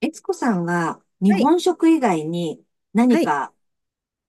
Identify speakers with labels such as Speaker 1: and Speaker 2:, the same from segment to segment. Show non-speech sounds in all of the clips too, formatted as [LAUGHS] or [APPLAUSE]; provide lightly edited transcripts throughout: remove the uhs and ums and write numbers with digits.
Speaker 1: 悦子さんは日
Speaker 2: はい。
Speaker 1: 本食以外に何
Speaker 2: はい。
Speaker 1: か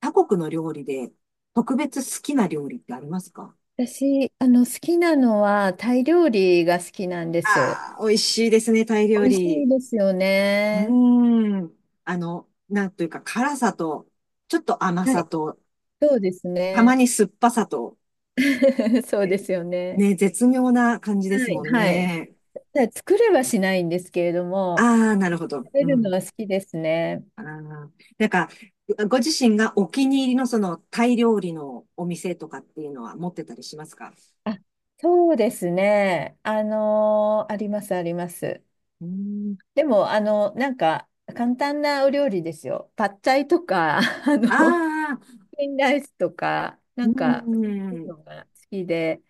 Speaker 1: 他国の料理で特別好きな料理ってありますか？
Speaker 2: 私、好きなのは、タイ料理が好きなんです。
Speaker 1: ああー、美味しいですね、タイ料
Speaker 2: 美味しい
Speaker 1: 理。
Speaker 2: ですよ
Speaker 1: う
Speaker 2: ね。
Speaker 1: ーん。なんというか辛さと、ちょっと甘
Speaker 2: は
Speaker 1: さ
Speaker 2: い。
Speaker 1: と、
Speaker 2: そうです
Speaker 1: たま
Speaker 2: ね。
Speaker 1: に酸っぱさと、
Speaker 2: [LAUGHS] そうですよね。
Speaker 1: ね、絶妙な感じです
Speaker 2: は
Speaker 1: も
Speaker 2: い。
Speaker 1: ん
Speaker 2: はい。
Speaker 1: ね。
Speaker 2: ただ作れはしないんですけれども、
Speaker 1: ああ、なるほど。
Speaker 2: 食べ
Speaker 1: う
Speaker 2: るの
Speaker 1: ん。
Speaker 2: は好きですね。
Speaker 1: ああ、なんか、ご自身がお気に入りのそのタイ料理のお店とかっていうのは持ってたりしますか？
Speaker 2: あ、そうですね。あります、あります。
Speaker 1: うーん。
Speaker 2: でも、簡単なお料理ですよ。パッチャイとか、[LAUGHS]
Speaker 1: ああ、
Speaker 2: チキンライスとか、
Speaker 1: うー
Speaker 2: そういう
Speaker 1: ん。
Speaker 2: のが好きで、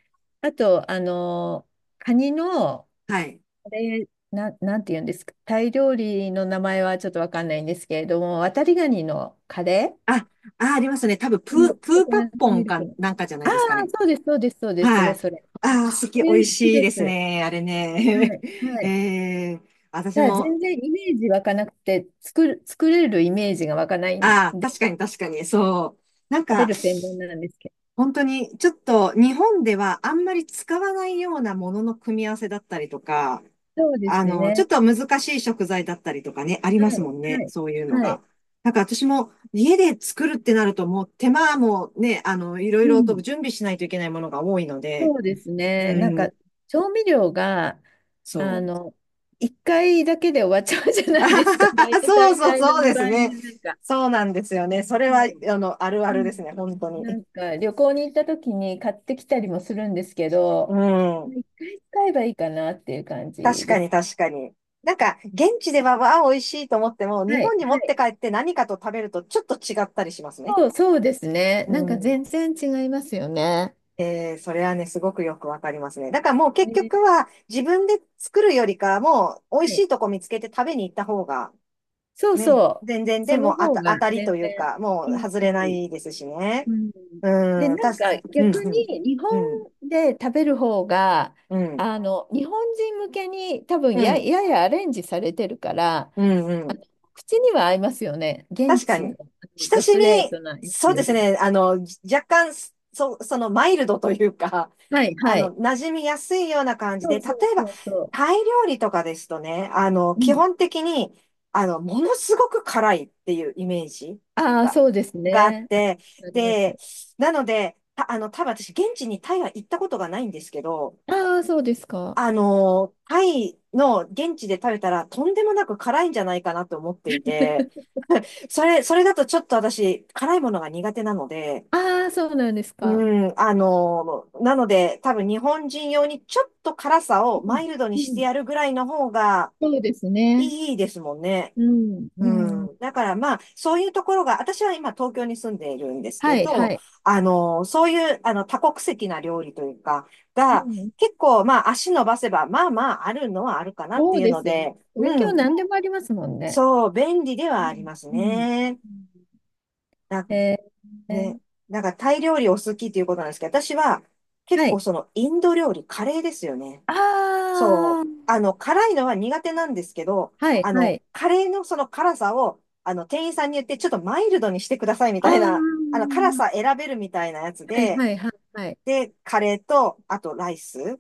Speaker 2: あと、カニの、
Speaker 1: はい。
Speaker 2: あれ、なんて言うんですか、タイ料理の名前はちょっとわかんないんですけれども、渡りガニのカレー、
Speaker 1: あ、あ、ありますね。多分、
Speaker 2: あの
Speaker 1: プ
Speaker 2: コ
Speaker 1: ー
Speaker 2: コ
Speaker 1: パッ
Speaker 2: ナッツ
Speaker 1: ポ
Speaker 2: ミ
Speaker 1: ン
Speaker 2: ル
Speaker 1: か
Speaker 2: クの。
Speaker 1: なんかじゃない
Speaker 2: ああ、
Speaker 1: ですかね。
Speaker 2: そうです、そうです、そうです、そ
Speaker 1: は
Speaker 2: れ
Speaker 1: い。
Speaker 2: それ。え
Speaker 1: 美
Speaker 2: ー、
Speaker 1: 味
Speaker 2: 好き
Speaker 1: しい
Speaker 2: で
Speaker 1: です
Speaker 2: す。
Speaker 1: ね。あれ
Speaker 2: は
Speaker 1: ね。
Speaker 2: い、は
Speaker 1: [LAUGHS]
Speaker 2: い。
Speaker 1: えー、私
Speaker 2: ただ全
Speaker 1: も。
Speaker 2: 然イメージ湧かなくて、作れるイメージが湧かないん
Speaker 1: ああ、
Speaker 2: で、
Speaker 1: 確かに、確かに、そう。なん
Speaker 2: 食べ
Speaker 1: か、
Speaker 2: る専門なんですけ
Speaker 1: 本当に、ちょっと、日本ではあんまり使わないようなものの組み合わせだったりとか、
Speaker 2: ど。そうです
Speaker 1: ちょ
Speaker 2: ね。
Speaker 1: っと難しい食材だったりとかね、あり
Speaker 2: はい、
Speaker 1: ます
Speaker 2: は
Speaker 1: もんね。
Speaker 2: い、
Speaker 1: そういうの
Speaker 2: はい。
Speaker 1: が。なんか私も家で作るってなるともう手間もね、いろ
Speaker 2: う
Speaker 1: いろと
Speaker 2: ん。
Speaker 1: 準備しないといけないものが多いので、
Speaker 2: そうです
Speaker 1: う
Speaker 2: ね。
Speaker 1: ん、
Speaker 2: 調味料が、
Speaker 1: そ
Speaker 2: あ
Speaker 1: う。
Speaker 2: の、一回だけで終わっちゃうじゃ
Speaker 1: [LAUGHS]
Speaker 2: な
Speaker 1: あ
Speaker 2: い
Speaker 1: は
Speaker 2: ですか
Speaker 1: は
Speaker 2: ね。
Speaker 1: は
Speaker 2: [LAUGHS]
Speaker 1: そう
Speaker 2: 大大
Speaker 1: そう
Speaker 2: 体
Speaker 1: そう
Speaker 2: の
Speaker 1: で
Speaker 2: 場
Speaker 1: す
Speaker 2: 合が、
Speaker 1: ね。
Speaker 2: なんか、
Speaker 1: そうなんですよね。それ
Speaker 2: そ
Speaker 1: は、
Speaker 2: う、
Speaker 1: あるあ
Speaker 2: う
Speaker 1: るです
Speaker 2: ん、
Speaker 1: ね、本当に。
Speaker 2: 旅行に行った時に買ってきたりもするんですけ
Speaker 1: う
Speaker 2: ど、
Speaker 1: ん。
Speaker 2: 一回使えばいいかなっていう感じ
Speaker 1: 確か
Speaker 2: で
Speaker 1: に、
Speaker 2: す。
Speaker 1: 確かに。なんか、現地では、わあ、美味しいと思っても、
Speaker 2: は
Speaker 1: 日
Speaker 2: い、は
Speaker 1: 本に持っ
Speaker 2: い。
Speaker 1: て帰って何かと食べるとちょっと違ったりしますね。
Speaker 2: そう、そうですね。
Speaker 1: う
Speaker 2: なんか
Speaker 1: ん。
Speaker 2: 全然違いますよね。
Speaker 1: ええ、それはね、すごくよくわかりますね。だからもう結
Speaker 2: えー、
Speaker 1: 局は自分で作るよりかはもう美
Speaker 2: は
Speaker 1: 味し
Speaker 2: い。
Speaker 1: いとこ見つけて食べに行った方が
Speaker 2: そう
Speaker 1: ね、
Speaker 2: そう。
Speaker 1: 全然で
Speaker 2: その
Speaker 1: も
Speaker 2: 方が
Speaker 1: 当たりと
Speaker 2: 全
Speaker 1: いう
Speaker 2: 然
Speaker 1: か、もう
Speaker 2: いいし。
Speaker 1: 外れないですし
Speaker 2: う
Speaker 1: ね。
Speaker 2: ん。で、
Speaker 1: うん、
Speaker 2: なんか
Speaker 1: う
Speaker 2: 逆
Speaker 1: ん、
Speaker 2: に日本
Speaker 1: うん、
Speaker 2: で食べる方が、
Speaker 1: うん、うん、
Speaker 2: 日本人向けに多分
Speaker 1: うん、
Speaker 2: ややアレンジされてるから、
Speaker 1: うん、うん。
Speaker 2: 口には合いますよね。現
Speaker 1: 確か
Speaker 2: 地の、
Speaker 1: に。
Speaker 2: あの
Speaker 1: 親
Speaker 2: ドス
Speaker 1: し
Speaker 2: ト
Speaker 1: み、
Speaker 2: レートなや
Speaker 1: そ
Speaker 2: つ
Speaker 1: うで
Speaker 2: よ
Speaker 1: す
Speaker 2: り。
Speaker 1: ね。若干、そのマイルドというか、[LAUGHS]
Speaker 2: はい、はい。
Speaker 1: 馴染みやすいような感じ
Speaker 2: そ
Speaker 1: で、
Speaker 2: う
Speaker 1: 例
Speaker 2: そう
Speaker 1: えば、
Speaker 2: そうそ
Speaker 1: タイ料理とかですとね、
Speaker 2: う。う
Speaker 1: 基
Speaker 2: ん。
Speaker 1: 本的に、ものすごく辛いっていうイメージ
Speaker 2: ああ、
Speaker 1: が、
Speaker 2: そうです
Speaker 1: があっ
Speaker 2: ね。
Speaker 1: て、
Speaker 2: ありま
Speaker 1: で、
Speaker 2: す。
Speaker 1: なので、た、あの、多分私、現地にタイは行ったことがないんですけど、
Speaker 2: ああ、そうですか。
Speaker 1: タイの現地で食べたら、とんでもなく辛いんじゃないかなと思っていて、それだとちょっと私、辛いものが苦手なので、
Speaker 2: ああ、そうなんですか。
Speaker 1: うん、なので、多分日本人用にちょっと辛さを
Speaker 2: う
Speaker 1: マ
Speaker 2: ん、
Speaker 1: イルドに
Speaker 2: う
Speaker 1: して
Speaker 2: ん、
Speaker 1: やるぐらいの方が
Speaker 2: そうですね。
Speaker 1: いいですもんね。
Speaker 2: うん、うん。
Speaker 1: うん。だからまあ、そういうところが、私は今東京に住んでいるんです
Speaker 2: は
Speaker 1: け
Speaker 2: い、は
Speaker 1: ど、
Speaker 2: い。
Speaker 1: そういう、多国籍な料理というか、
Speaker 2: う
Speaker 1: が、
Speaker 2: ん、
Speaker 1: 結構まあ、足伸ばせば、まあまあ、あるのはあるかなっ
Speaker 2: そ
Speaker 1: て
Speaker 2: う
Speaker 1: いう
Speaker 2: で
Speaker 1: の
Speaker 2: すよね。
Speaker 1: で、
Speaker 2: 東
Speaker 1: う
Speaker 2: 京
Speaker 1: ん。
Speaker 2: 何でもありますもんね。
Speaker 1: そう、便利で
Speaker 2: う
Speaker 1: はあり
Speaker 2: ん、
Speaker 1: ます
Speaker 2: うん。
Speaker 1: ね。
Speaker 2: うん、
Speaker 1: だ
Speaker 2: えー、え
Speaker 1: ね、
Speaker 2: ー、
Speaker 1: なんかタイ料理お好きっていうことなんですけど、私は結
Speaker 2: は
Speaker 1: 構
Speaker 2: い、
Speaker 1: そのインド料理、カレーですよね。
Speaker 2: あ
Speaker 1: そう。
Speaker 2: ー、
Speaker 1: 辛いのは苦手なんですけど、
Speaker 2: はい、はい、
Speaker 1: カレーのその辛さを、店員さんに言って、ちょっとマイルドにしてくださいみ
Speaker 2: あ
Speaker 1: たいな、辛
Speaker 2: ー、
Speaker 1: さ選べるみたいなやつ
Speaker 2: はい、
Speaker 1: で、
Speaker 2: はい、はい、はい。
Speaker 1: で、カレーと、あとライス。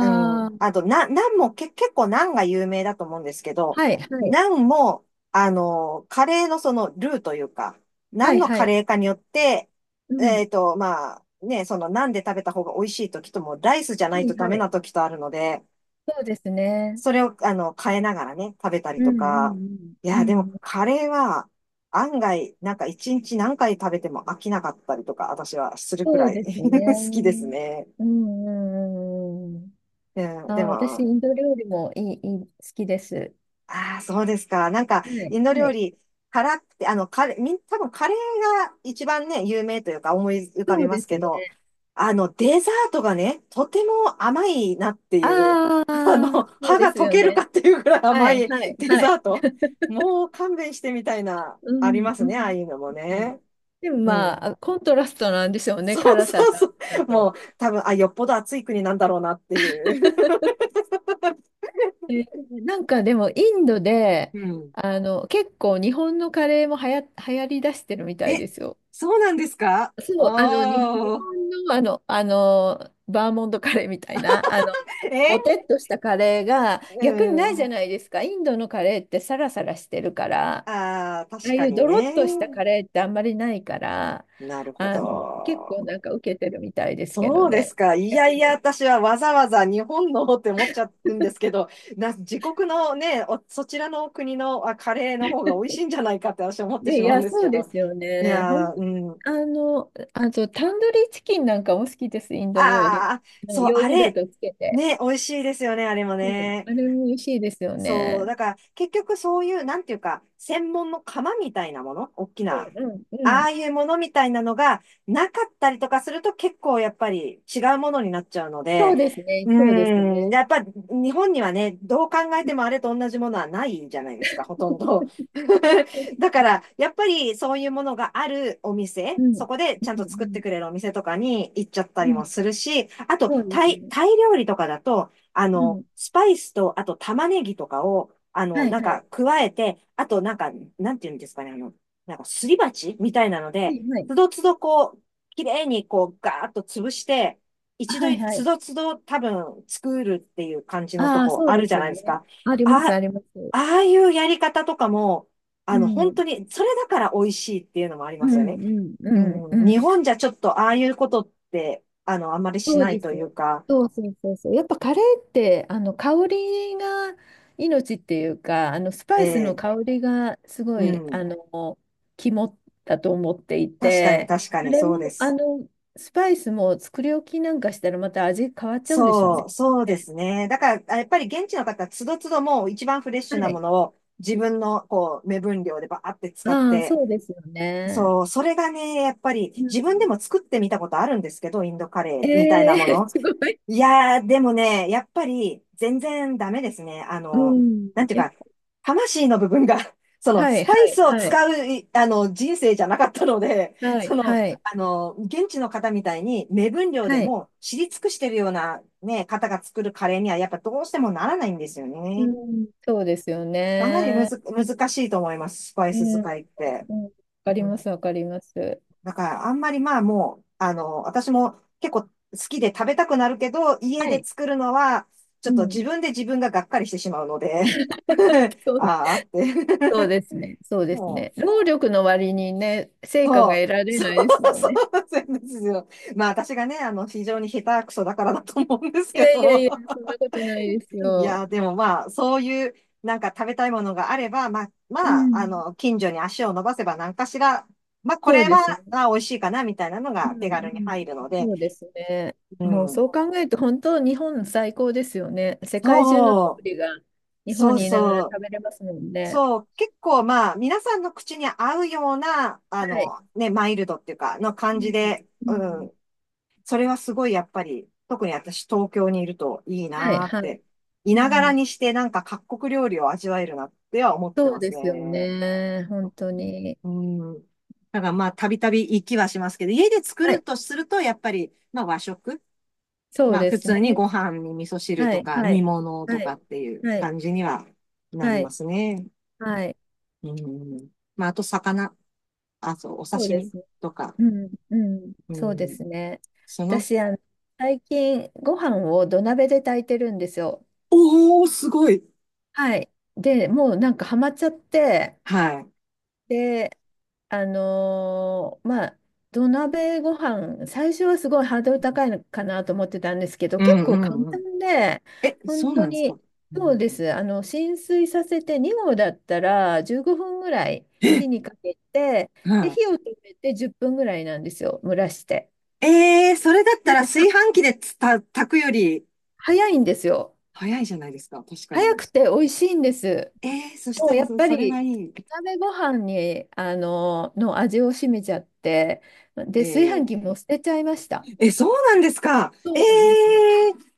Speaker 1: うん。
Speaker 2: あ、
Speaker 1: あと、ナンも結構ナンが有名だと思うんですけど、
Speaker 2: はい、はい、
Speaker 1: ナンも、カレーのそのルーというか、ナ
Speaker 2: は
Speaker 1: ン
Speaker 2: い、
Speaker 1: の
Speaker 2: は
Speaker 1: カ
Speaker 2: い。
Speaker 1: レーかによって、
Speaker 2: うん、
Speaker 1: まあ、ね、そのナンで食べた方が美味しい時とも、ライスじゃな
Speaker 2: は
Speaker 1: いと
Speaker 2: い、
Speaker 1: ダ
Speaker 2: は
Speaker 1: メ
Speaker 2: い。
Speaker 1: な時とあるので、
Speaker 2: そうですね。
Speaker 1: それを、変えながらね、食べたり
Speaker 2: う
Speaker 1: と
Speaker 2: ん、う
Speaker 1: か。
Speaker 2: ん、
Speaker 1: い
Speaker 2: う
Speaker 1: や、で
Speaker 2: ん、
Speaker 1: も
Speaker 2: うん。
Speaker 1: カレーは、案外、なんか一日何回食べても飽きなかったりとか、私はするく
Speaker 2: そう
Speaker 1: らい
Speaker 2: ですね。
Speaker 1: [LAUGHS]
Speaker 2: う
Speaker 1: 好きです
Speaker 2: ん、
Speaker 1: ね。
Speaker 2: うん、うん。
Speaker 1: うん、で
Speaker 2: あー、私、
Speaker 1: も、
Speaker 2: インド料理もいい、いい、好きです。
Speaker 1: ああ、そうですか。なんか、
Speaker 2: は
Speaker 1: イ
Speaker 2: い、
Speaker 1: ンド
Speaker 2: は
Speaker 1: 料
Speaker 2: い。
Speaker 1: 理、辛くて、カレー、多分カレーが一番ね、有名というか思い浮か
Speaker 2: そ
Speaker 1: び
Speaker 2: う
Speaker 1: ま
Speaker 2: で
Speaker 1: す
Speaker 2: す
Speaker 1: け
Speaker 2: ね。
Speaker 1: ど、デザートがね、とても甘いなっていう、
Speaker 2: あ
Speaker 1: [LAUGHS] あの、
Speaker 2: あ、そう
Speaker 1: 歯
Speaker 2: で
Speaker 1: が
Speaker 2: す
Speaker 1: 溶
Speaker 2: よ
Speaker 1: ける
Speaker 2: ね。
Speaker 1: かっていうぐらい
Speaker 2: は
Speaker 1: 甘
Speaker 2: い、
Speaker 1: い
Speaker 2: はい、
Speaker 1: [LAUGHS] デ
Speaker 2: はい。
Speaker 1: ザート。もう勘弁してみたいな、
Speaker 2: う
Speaker 1: あり
Speaker 2: ん、
Speaker 1: ます
Speaker 2: う
Speaker 1: ね、ああ
Speaker 2: ん。
Speaker 1: いうのも
Speaker 2: うん、
Speaker 1: ね。
Speaker 2: でも
Speaker 1: う
Speaker 2: まあ、あ
Speaker 1: ん。
Speaker 2: コントラストなんでしょうね、
Speaker 1: そう
Speaker 2: 辛さ
Speaker 1: そう
Speaker 2: と甘
Speaker 1: そ
Speaker 2: さ
Speaker 1: う。も
Speaker 2: と。
Speaker 1: う、多分、あ、よっぽど暑い国なんだろうなっていう。
Speaker 2: えー、なんかでも、
Speaker 1: [LAUGHS]
Speaker 2: インドで、
Speaker 1: うん。
Speaker 2: 結構日本のカレーもはや、流行りだしてるみたい
Speaker 1: え、
Speaker 2: ですよ。
Speaker 1: そうなんですか、
Speaker 2: そう、日
Speaker 1: おー。
Speaker 2: 本のバーモントカレーみたいな、ぼ
Speaker 1: え、
Speaker 2: てっとしたカレーが
Speaker 1: う
Speaker 2: 逆にないじ
Speaker 1: ん。
Speaker 2: ゃないですか。インドのカレーってサラサラしてるから。あ
Speaker 1: ああ、確
Speaker 2: あい
Speaker 1: か
Speaker 2: う
Speaker 1: に
Speaker 2: ドロ
Speaker 1: ね。
Speaker 2: ッとしたカレーってあんまりないから、
Speaker 1: なるほ
Speaker 2: 結構
Speaker 1: ど。
Speaker 2: なんか受けてるみたいですけど
Speaker 1: そうです
Speaker 2: ね、
Speaker 1: か。いや
Speaker 2: 逆
Speaker 1: いや、
Speaker 2: に。
Speaker 1: 私はわざわざ日本のって思っちゃうんですけど、自国のね、おそちらの国のカレーの方が美味しいんじゃないかって私は思って
Speaker 2: で、
Speaker 1: し
Speaker 2: い
Speaker 1: まうん
Speaker 2: や、
Speaker 1: です
Speaker 2: そ
Speaker 1: け
Speaker 2: うで
Speaker 1: ど。
Speaker 2: すよ
Speaker 1: い
Speaker 2: ね。
Speaker 1: や
Speaker 2: 本
Speaker 1: ー、
Speaker 2: 当、
Speaker 1: うん。
Speaker 2: あと、タンドリーチキンなんかも好きです、インド料理。
Speaker 1: ああ、
Speaker 2: あの
Speaker 1: そう、
Speaker 2: ヨー
Speaker 1: あ
Speaker 2: グル
Speaker 1: れ、
Speaker 2: トつけて。
Speaker 1: ね、美味しいですよね、あれも
Speaker 2: うん、
Speaker 1: ね。
Speaker 2: あれも美味しいですよ
Speaker 1: そう、
Speaker 2: ね。
Speaker 1: だから結局そういう、なんていうか、専門の釜みたいなもの、大きな、
Speaker 2: うんうんう
Speaker 1: あ
Speaker 2: ん。
Speaker 1: あいうものみたいなのがなかったりとかすると結構やっぱり違うものになっちゃうの
Speaker 2: そう
Speaker 1: で、
Speaker 2: ですね、
Speaker 1: う
Speaker 2: そうです
Speaker 1: ーん、
Speaker 2: ね。
Speaker 1: やっぱ日本にはね、どう考え
Speaker 2: う
Speaker 1: てもあれと同じものはないじゃないですか、ほとんど。[LAUGHS] だ
Speaker 2: ん、
Speaker 1: から、やっぱりそういうものがあるお店、
Speaker 2: うん、
Speaker 1: そこで
Speaker 2: う
Speaker 1: ちゃんと作って
Speaker 2: ん、
Speaker 1: くれるお店とかに行っちゃった
Speaker 2: う
Speaker 1: り
Speaker 2: ん、う
Speaker 1: も
Speaker 2: ん、
Speaker 1: するし、あと、
Speaker 2: そうで
Speaker 1: タ
Speaker 2: す
Speaker 1: イ、
Speaker 2: ね。
Speaker 1: タイ料理とかだと、
Speaker 2: うん、
Speaker 1: スパイスと、あと玉ねぎとかを、
Speaker 2: はい
Speaker 1: なん
Speaker 2: は
Speaker 1: か
Speaker 2: い。
Speaker 1: 加えて、あとなんか、なんていうんですかね、なんかすり鉢みたいなの
Speaker 2: は
Speaker 1: で、
Speaker 2: いはい。
Speaker 1: つどつどこう、綺麗にこう、ガーッと潰して、
Speaker 2: あ、
Speaker 1: 一度、
Speaker 2: はいは
Speaker 1: つ
Speaker 2: い。
Speaker 1: どつど多分作るっていう感じのと
Speaker 2: ああ、
Speaker 1: こ
Speaker 2: そう
Speaker 1: あ
Speaker 2: で
Speaker 1: るじ
Speaker 2: す
Speaker 1: ゃない
Speaker 2: よ
Speaker 1: です
Speaker 2: ね。
Speaker 1: か。
Speaker 2: あります、
Speaker 1: あ、
Speaker 2: あります。
Speaker 1: ああいうやり方とかも、
Speaker 2: うん、
Speaker 1: 本
Speaker 2: うん、
Speaker 1: 当に、それだから美味しいっていうのもあり
Speaker 2: う
Speaker 1: ますよね。
Speaker 2: ん、う
Speaker 1: う
Speaker 2: ん、う
Speaker 1: ん、日
Speaker 2: ん。
Speaker 1: 本じゃちょっとああいうことって、あまりし
Speaker 2: そう
Speaker 1: ない
Speaker 2: で
Speaker 1: と
Speaker 2: すね。
Speaker 1: いうか、
Speaker 2: そうそうそうそう。やっぱカレーって、香りが命っていうか、スパ
Speaker 1: え
Speaker 2: イスの
Speaker 1: ー
Speaker 2: 香りがすご
Speaker 1: う
Speaker 2: い、
Speaker 1: ん。
Speaker 2: 肝だと思ってい
Speaker 1: 確かに、
Speaker 2: て、
Speaker 1: 確か
Speaker 2: あ
Speaker 1: に、
Speaker 2: れ
Speaker 1: そうで
Speaker 2: も、
Speaker 1: す。
Speaker 2: スパイスも作り置きなんかしたらまた味変わっちゃうんでしょう
Speaker 1: そ
Speaker 2: ね。
Speaker 1: う、そうですね。だから、やっぱり現地の方、つどつどもう一番フレッシュ
Speaker 2: は
Speaker 1: なも
Speaker 2: い。
Speaker 1: のを自分の、こう、目分量でバーって使っ
Speaker 2: ああ、
Speaker 1: て、
Speaker 2: そうですよね。
Speaker 1: そう、それがね、やっぱり
Speaker 2: う
Speaker 1: 自分で
Speaker 2: ん、
Speaker 1: も作ってみたことあるんですけど、インドカレー
Speaker 2: え
Speaker 1: みたいなも
Speaker 2: え、 [LAUGHS]
Speaker 1: の。
Speaker 2: すごい。
Speaker 1: いやー、でもね、やっぱり全然ダメですね。
Speaker 2: うん、
Speaker 1: なんていう
Speaker 2: やっ
Speaker 1: か、魂の部分が [LAUGHS] その、
Speaker 2: は
Speaker 1: ス
Speaker 2: い、
Speaker 1: パ
Speaker 2: は
Speaker 1: イ
Speaker 2: い、
Speaker 1: スを
Speaker 2: はい、
Speaker 1: 使う、いあの、人生じゃなかったので、[LAUGHS]
Speaker 2: は
Speaker 1: そ
Speaker 2: い、
Speaker 1: の、
Speaker 2: はい、
Speaker 1: 現地の方みたいに、目分量
Speaker 2: は
Speaker 1: で
Speaker 2: い。
Speaker 1: もう知り尽くしてるような、ね、方が作るカレーには、やっぱどうしてもならないんですよ
Speaker 2: う
Speaker 1: ね。
Speaker 2: ん、そうですよ
Speaker 1: かなりむ
Speaker 2: ね。
Speaker 1: ず、難しいと思います、スパイ
Speaker 2: う
Speaker 1: ス
Speaker 2: ん、
Speaker 1: 使いって。
Speaker 2: うん、わかります、わかります。
Speaker 1: だから、あんまりまあもう、私も結構好きで食べたくなるけど、家
Speaker 2: は
Speaker 1: で
Speaker 2: い。
Speaker 1: 作るのは、ち
Speaker 2: う
Speaker 1: ょっと
Speaker 2: ん、
Speaker 1: 自分で自分ががっかりしてしまうので、[LAUGHS]
Speaker 2: そう、
Speaker 1: ああって
Speaker 2: そうですね、そう
Speaker 1: [LAUGHS]
Speaker 2: です
Speaker 1: もう、
Speaker 2: ね。労力の割にね、成果が
Speaker 1: そう、
Speaker 2: 得られ
Speaker 1: そ
Speaker 2: な
Speaker 1: う、
Speaker 2: いですもん
Speaker 1: そ
Speaker 2: ね。
Speaker 1: うなんですよ。まあ私がね、非常に下手くそだからだと思うんです
Speaker 2: い
Speaker 1: け
Speaker 2: やいや
Speaker 1: ど、
Speaker 2: いや、そんなことないです
Speaker 1: い
Speaker 2: よ。
Speaker 1: や、でもまあ、そういう、なんか食べたいものがあれば、まあ、
Speaker 2: う
Speaker 1: まあ、
Speaker 2: ん、
Speaker 1: 近所に足を伸ばせば何かしら、まあ、こ
Speaker 2: そう
Speaker 1: れは、
Speaker 2: ですね。
Speaker 1: あ、美味しいかな、みたいなの
Speaker 2: う
Speaker 1: が手
Speaker 2: ん、う
Speaker 1: 軽に入
Speaker 2: ん、
Speaker 1: るので、
Speaker 2: そうですね。
Speaker 1: う
Speaker 2: もう
Speaker 1: ん。
Speaker 2: そう考えると、本当、日本最高ですよね。世界中の料
Speaker 1: そう、
Speaker 2: 理が日
Speaker 1: そ
Speaker 2: 本
Speaker 1: う
Speaker 2: にいながら
Speaker 1: そう、
Speaker 2: 食べれますもんね。
Speaker 1: そう、結構まあ、皆さんの口に合うような、
Speaker 2: はい、
Speaker 1: ね、マイルドっていうか、の
Speaker 2: う
Speaker 1: 感じ
Speaker 2: ん、
Speaker 1: で、
Speaker 2: う
Speaker 1: う
Speaker 2: ん、
Speaker 1: ん、それはすごいやっぱり、特に私東京にいるといい
Speaker 2: はい、
Speaker 1: なーっ
Speaker 2: はい。
Speaker 1: て、い
Speaker 2: う
Speaker 1: ながら
Speaker 2: ん、
Speaker 1: にしてなんか各国料理を味わえるなっては思って
Speaker 2: そう
Speaker 1: ます
Speaker 2: で
Speaker 1: ね。
Speaker 2: すよね。本当に。
Speaker 1: うん。だからまあ、たびたび行きはしますけど、家で作
Speaker 2: は
Speaker 1: る
Speaker 2: い、
Speaker 1: とすると、やっぱり、まあ和食、
Speaker 2: そう
Speaker 1: まあ
Speaker 2: で
Speaker 1: 普
Speaker 2: すね。
Speaker 1: 通にご飯に味噌汁
Speaker 2: は
Speaker 1: と
Speaker 2: い、
Speaker 1: か
Speaker 2: は
Speaker 1: 煮
Speaker 2: い、
Speaker 1: 物と
Speaker 2: は
Speaker 1: か
Speaker 2: い、
Speaker 1: っていう
Speaker 2: はい、
Speaker 1: 感じにはなり
Speaker 2: は
Speaker 1: ま
Speaker 2: い、
Speaker 1: すね。
Speaker 2: はい。
Speaker 1: うん。まあ、あと魚、あ、そう、お
Speaker 2: そう
Speaker 1: 刺
Speaker 2: で
Speaker 1: 身
Speaker 2: すね。
Speaker 1: とか、
Speaker 2: うん、うん、
Speaker 1: う
Speaker 2: そうで
Speaker 1: ん。
Speaker 2: すね。
Speaker 1: その、
Speaker 2: 私、最近、ご飯を土鍋で炊いてるんですよ。
Speaker 1: おー、すごい。
Speaker 2: はい。で、もうなんかハマっちゃって、
Speaker 1: はい。
Speaker 2: で、あのーまあ、土鍋ご飯、最初はすごいハードル高いのかなと思ってたんですけど、
Speaker 1: う
Speaker 2: 結
Speaker 1: んう
Speaker 2: 構簡
Speaker 1: んうん。
Speaker 2: 単で、
Speaker 1: え、
Speaker 2: 本
Speaker 1: そう
Speaker 2: 当
Speaker 1: なんです
Speaker 2: に、
Speaker 1: か。う
Speaker 2: そう
Speaker 1: ん、
Speaker 2: です。あの、浸水させて2合だったら15分ぐらい火
Speaker 1: え、
Speaker 2: にかけて、で、
Speaker 1: は
Speaker 2: 火を止めて10分ぐらいなんですよ、蒸らして。
Speaker 1: い。えー、それだっ
Speaker 2: な
Speaker 1: た
Speaker 2: ん
Speaker 1: ら
Speaker 2: でさ、
Speaker 1: 炊飯器で炊くより
Speaker 2: 早いんですよ。
Speaker 1: 早いじゃないですか。確か
Speaker 2: 早
Speaker 1: に。
Speaker 2: くて美味しいんです。
Speaker 1: えー、そし
Speaker 2: も
Speaker 1: た
Speaker 2: う
Speaker 1: ら
Speaker 2: やっ
Speaker 1: そ、
Speaker 2: ぱ
Speaker 1: それ
Speaker 2: り
Speaker 1: がいい。
Speaker 2: 鍋ご飯にあのの味を占めちゃって、で炊飯器
Speaker 1: え
Speaker 2: も捨てちゃいました。
Speaker 1: ー、え、そうなんですか。えー、
Speaker 2: そうなんですよ。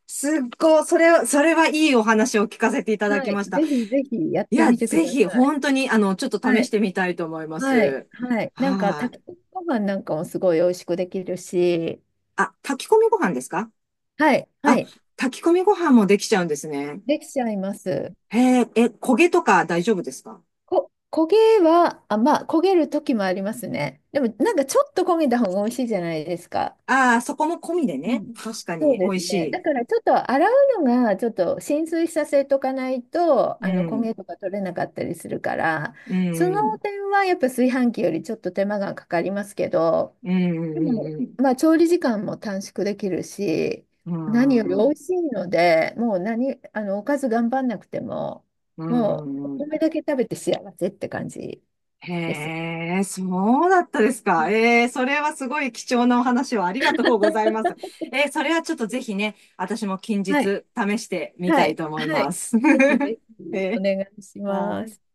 Speaker 1: すっごい、それは、それはいいお話を聞かせていただ
Speaker 2: は
Speaker 1: き
Speaker 2: い、
Speaker 1: ました。
Speaker 2: ぜひぜひやっ
Speaker 1: い
Speaker 2: て
Speaker 1: や、
Speaker 2: みてく
Speaker 1: ぜ
Speaker 2: だ
Speaker 1: ひ、
Speaker 2: さい。
Speaker 1: 本当に、ちょっと
Speaker 2: は
Speaker 1: 試し
Speaker 2: い
Speaker 1: てみたいと思いま
Speaker 2: はい
Speaker 1: す。
Speaker 2: はい、なんか
Speaker 1: は
Speaker 2: 炊き
Speaker 1: い。
Speaker 2: 込みご飯なんかもすごい美味しくできるし、
Speaker 1: あ、炊き込みご飯ですか
Speaker 2: はいは
Speaker 1: あ？
Speaker 2: い、
Speaker 1: 炊き込みご飯もできちゃうんですね。
Speaker 2: できちゃいます。
Speaker 1: へえ、え、焦げとか大丈夫ですか？
Speaker 2: 焦げはあ、まあ焦げる時もありますね、でもなんかちょっと焦げた方が美味しいじゃないですか。
Speaker 1: ああー、そこも込みで
Speaker 2: う
Speaker 1: ね。
Speaker 2: ん、
Speaker 1: 確か
Speaker 2: そう
Speaker 1: に、美
Speaker 2: で
Speaker 1: 味
Speaker 2: す
Speaker 1: し
Speaker 2: ね。だ
Speaker 1: い。
Speaker 2: からちょっと洗うのがちょっと浸水させとかないと
Speaker 1: う
Speaker 2: あの焦げ
Speaker 1: ん。
Speaker 2: とか取れなかったりするから、
Speaker 1: う
Speaker 2: そ
Speaker 1: ん。
Speaker 2: の点はやっぱ炊飯器よりちょっと手間がかかりますけど、
Speaker 1: う
Speaker 2: でも
Speaker 1: ん。うん。
Speaker 2: まあ調理時間も短縮できるし、
Speaker 1: う
Speaker 2: 何よ
Speaker 1: ん。
Speaker 2: り
Speaker 1: うん。う
Speaker 2: 美味
Speaker 1: ん。
Speaker 2: しいのでもう何、おかず頑張んなくても、
Speaker 1: う
Speaker 2: もうお
Speaker 1: ん。う
Speaker 2: 米
Speaker 1: ん、
Speaker 2: だけ食べて幸せって感じ
Speaker 1: へ
Speaker 2: です。
Speaker 1: え、そうだったです
Speaker 2: う
Speaker 1: か。
Speaker 2: ん、
Speaker 1: ええ、それはすごい貴重なお話をありがとうございます。ええ、それはちょっとぜひね、私も近日
Speaker 2: はい、
Speaker 1: 試してみ
Speaker 2: は
Speaker 1: たい
Speaker 2: い、
Speaker 1: と思い
Speaker 2: は
Speaker 1: ま
Speaker 2: い。
Speaker 1: す。
Speaker 2: ぜひぜひ
Speaker 1: [LAUGHS] え
Speaker 2: お
Speaker 1: え、
Speaker 2: 願いしま
Speaker 1: は
Speaker 2: す。
Speaker 1: い。